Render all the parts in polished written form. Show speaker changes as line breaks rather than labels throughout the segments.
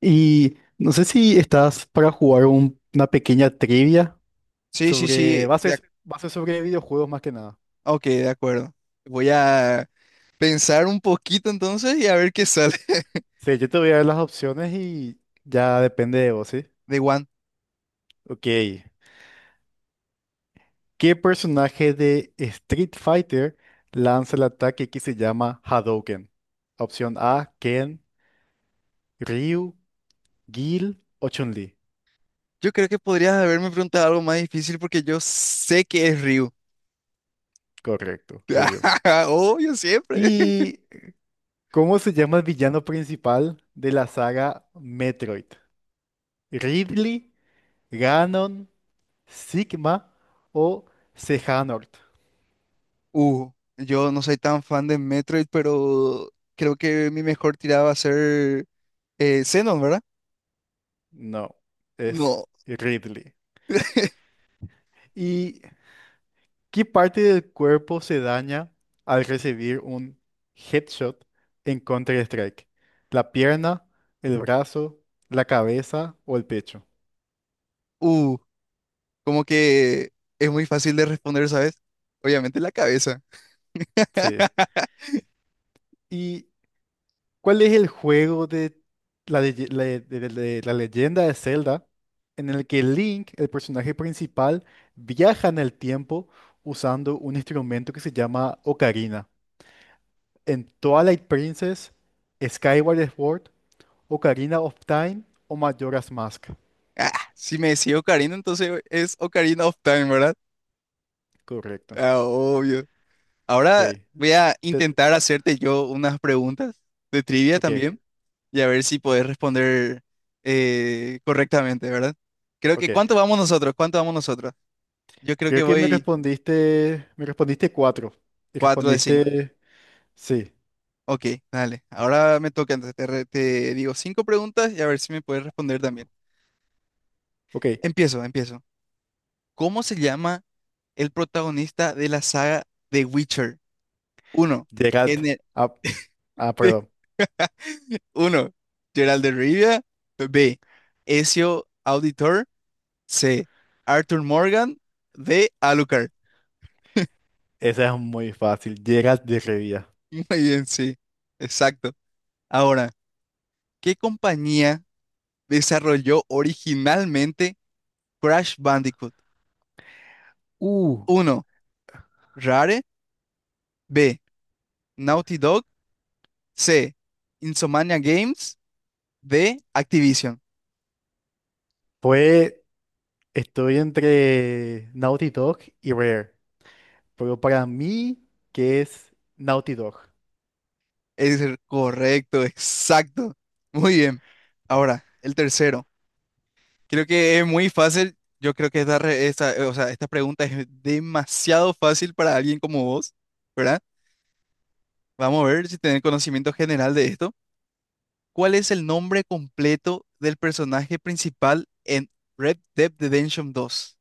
Y no sé si estás para jugar una pequeña trivia
Sí, sí, sí,
sobre, va a ser sobre videojuegos más que nada.
ok, de acuerdo. Voy a pensar un poquito entonces y a ver qué sale
Sí, yo te voy a dar las opciones y ya depende de vos, ¿sí?
de One.
Ok. ¿Qué personaje de Street Fighter lanza el ataque que se llama Hadouken? Opción A, Ken, Ryu, Gil o Chun-Li.
Yo creo que podrías haberme preguntado algo más difícil, porque yo sé que es Ryu.
Correcto, Ryu.
Obvio, siempre.
¿Y cómo se llama el villano principal de la saga Metroid? ¿Ridley? Ganon, Sigma o Sejanort.
Uh, yo no soy tan fan de Metroid, pero creo que mi mejor tirada va a ser Xenon, ¿verdad?
No, es
No.
Ridley. ¿Y qué parte del cuerpo se daña al recibir un headshot en Counter-Strike? ¿La pierna, el brazo, la cabeza o el pecho?
Uh, Como que es muy fácil de responder, ¿sabes? Obviamente la cabeza.
Sí. Y ¿cuál es el juego de la leyenda de Zelda en el que Link, el personaje principal, viaja en el tiempo usando un instrumento que se llama ocarina? En Twilight Princess, Skyward Sword, Ocarina of Time o Majora's Mask.
Ah, si me decía Ocarina, entonces es Ocarina of Time, ¿verdad?
Correcto.
Ah, obvio. Ahora
Ok.
voy a
Te-
intentar hacerte yo unas preguntas de trivia
ok.
también, y a ver si podés responder correctamente, ¿verdad? Creo
Ok.
que, ¿cuánto vamos nosotros? ¿Cuánto vamos nosotros? Yo creo
Creo
que
que
voy
me respondiste cuatro. Y
4 de 5.
respondiste, sí.
Ok, dale. Ahora me toca, entonces te digo cinco preguntas y a ver si me puedes responder también.
Ok.
Empiezo, empiezo. ¿Cómo se llama el protagonista de la saga The Witcher? ¿Uno?
Geralt. Ah, ah,
de-
perdón.
Uno, Gerald de Rivia. B, Ezio Auditor. C, Arthur Morgan. D, Alucard.
Esa es muy fácil. Geralt de Rivia.
Muy bien, sí, exacto. Ahora, ¿qué compañía desarrolló originalmente Crash Bandicoot?
Uh,
Uno, Rare. B, Naughty Dog. C, Insomnia Games. D, Activision.
Pues estoy entre Naughty Dog y Rare. Pero para mí, ¿qué es Naughty Dog?
Es el correcto, exacto. Muy bien. Ahora, el tercero. Creo que es muy fácil. Yo creo que esta, o sea, esta pregunta es demasiado fácil para alguien como vos, ¿verdad? Vamos a ver si tenés conocimiento general de esto. ¿Cuál es el nombre completo del personaje principal en Red Dead Redemption 2?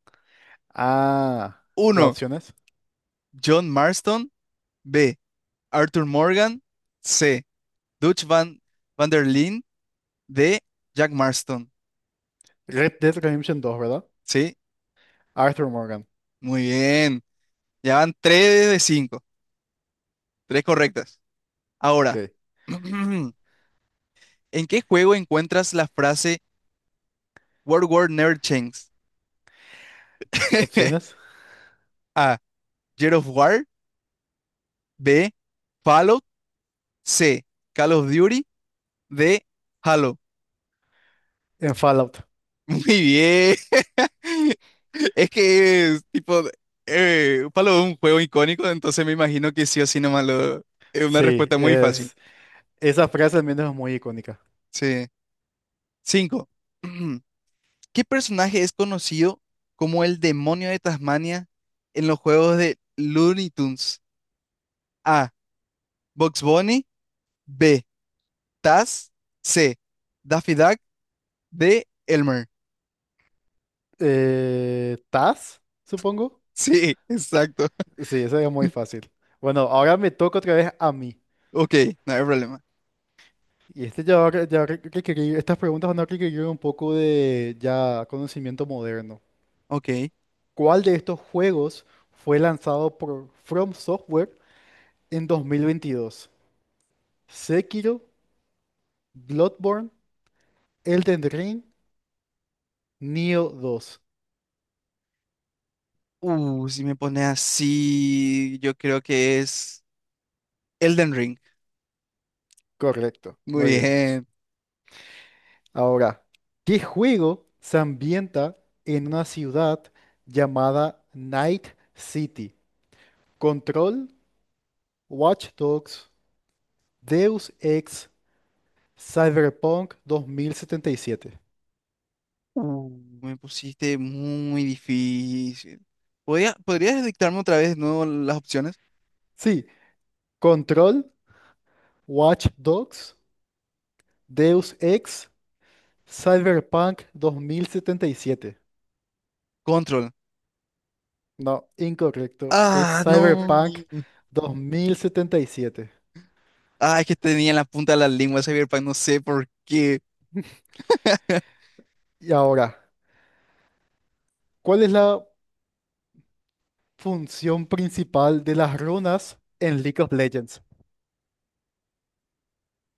Ah, las
Uno,
opciones.
John Marston. B, Arthur Morgan. C, Dutch Van der Linde. D, Jack Marston.
Red Dead Redemption 2, ¿verdad?
Sí,
Arthur Morgan.
muy bien. Ya van 3 de 5. Tres correctas. Ahora.
Ok.
¿En qué juego encuentras la frase World War Never Changes?
Opciones.
A, Gears of War. B, Fallout. C, Call of Duty. D, Halo.
En Fallout.
Muy bien. Es que es tipo, Fallout es un juego icónico, entonces me imagino que sí o sí nomás lo. Es una
Sí,
respuesta muy fácil.
es. Esa frase al menos es muy icónica.
Sí. Cinco. ¿Qué personaje es conocido como el demonio de Tasmania en los juegos de Looney Tunes? A, Bugs Bunny. B, Taz. C, Daffy Duck. D, Elmer.
Taz, supongo.
Sí, exacto.
Sí, esa es muy fácil. Bueno, ahora me toca otra vez a mí.
Ok, no hay problema.
Y este ya va, re- ya re- requerir, estas preguntas van a requerir un poco de ya conocimiento moderno.
Ok.
¿Cuál de estos juegos fue lanzado por From Software en 2022? Sekiro, Bloodborne, Elden Ring, Nioh 2.
Si me pone así, yo creo que es Elden Ring.
Correcto,
Muy
muy bien.
bien.
Ahora, ¿qué juego se ambienta en una ciudad llamada Night City? Control, Watch Dogs, Deus Ex, Cyberpunk 2077.
Uh, Me pusiste muy difícil. ¿Podrías dictarme otra vez de nuevo las opciones?
Sí, Control, Watch Dogs, Deus Ex, Cyberpunk 2077.
Control.
No, incorrecto. Es
Ah, no.
Cyberpunk 2077. Y siete.
Ah, es que tenía en la punta de la lengua Cyberpunk, no sé por qué.
Y ahora, ¿cuál es la función principal de las runas en League of Legends?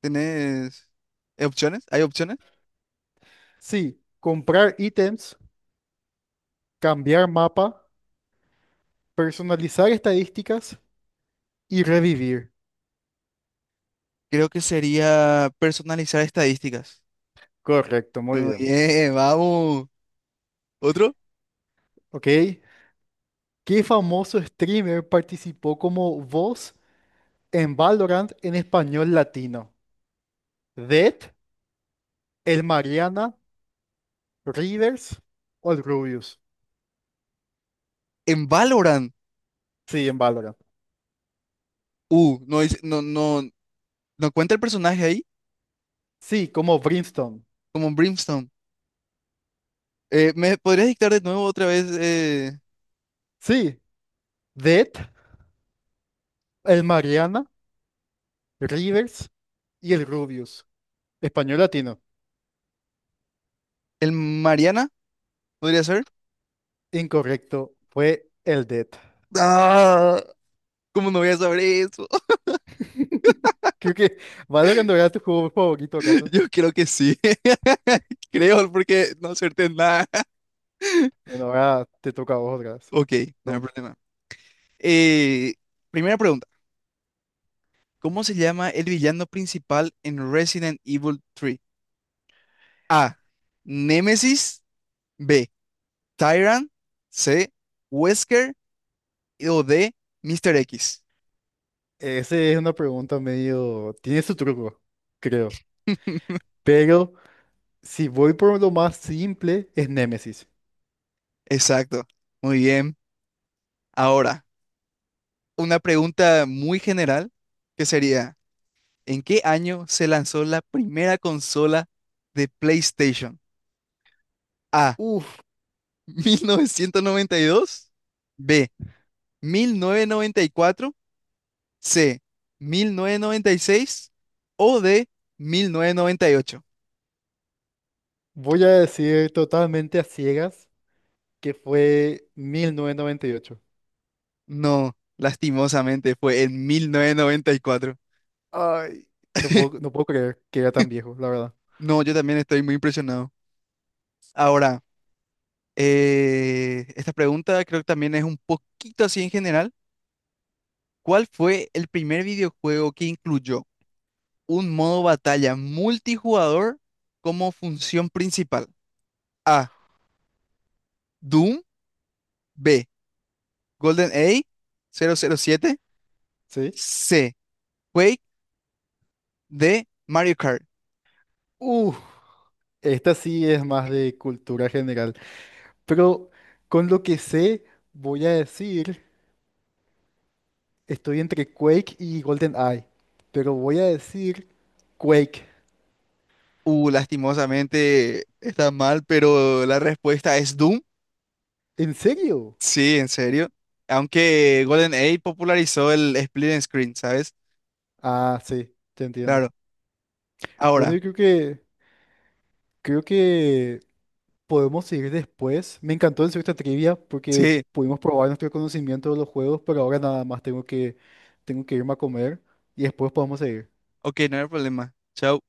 ¿Tenés opciones? ¿Hay opciones?
Sí, comprar ítems, cambiar mapa, personalizar estadísticas y revivir.
Creo que sería personalizar estadísticas.
Correcto, muy bien.
Oye, vamos. ¿Otro?
Ok, ¿qué famoso streamer participó como voz en Valorant en español latino? ¿Dead, el Mariana, Rivers o el Rubius?
En Valorant.
Sí, en Valorant.
No, no, no, no cuenta el personaje ahí,
Sí, como Brimstone.
como Brimstone. ¿Me podrías dictar de nuevo otra vez,
Sí, Dead, el Mariana, Rivers y el Rubius. Español latino.
el Mariana? ¿Podría ser?
Incorrecto, fue el Dead.
Ah, ¿cómo no voy a saber eso?
Creo que Valorant no era tu juego favorito, ¿acaso?
Yo creo que sí. Creo, porque no acerté nada.
Bueno, ahora te toca a vos otra vez.
Ok, no hay problema. Eh, Primera pregunta. ¿Cómo se llama el villano principal en Resident Evil 3? A, Némesis. B, Tyrant. C, Wesker. O D, Mr. X.
Esa es una pregunta medio... Tiene su truco, creo. Pero si voy por lo más simple, es Némesis.
Exacto. Muy bien. Ahora, una pregunta muy general, que sería: ¿en qué año se lanzó la primera consola de PlayStation? A,
Uf,
1992. B, 1994. C, 1996. O D, 1998.
voy a decir totalmente a ciegas que fue 1998.
No, lastimosamente fue en 1994.
Ay, no puedo, no puedo creer que era tan viejo, la verdad.
No, yo también estoy muy impresionado. Ahora, esta pregunta creo que también es un poquito así en general. ¿Cuál fue el primer videojuego que incluyó un modo batalla multijugador como función principal? A, Doom. B, GoldenEye 007.
¿Sí?
C, Quake. D, Mario Kart.
Uf, esta sí es más de cultura general. Pero con lo que sé, voy a decir, estoy entre Quake y Golden Eye. Pero voy a decir Quake.
Lastimosamente está mal, pero la respuesta es Doom.
¿En serio?
Sí, en serio. Aunque GoldenEye popularizó el split and screen, ¿sabes?
Ah, sí, te entiendo.
Claro.
Bueno,
Ahora,
yo creo que creo que podemos seguir después. Me encantó hacer esta trivia porque
sí.
pudimos probar nuestro conocimiento de los juegos, pero ahora nada más tengo que irme a comer y después podemos seguir.
Ok, no hay problema. Chao.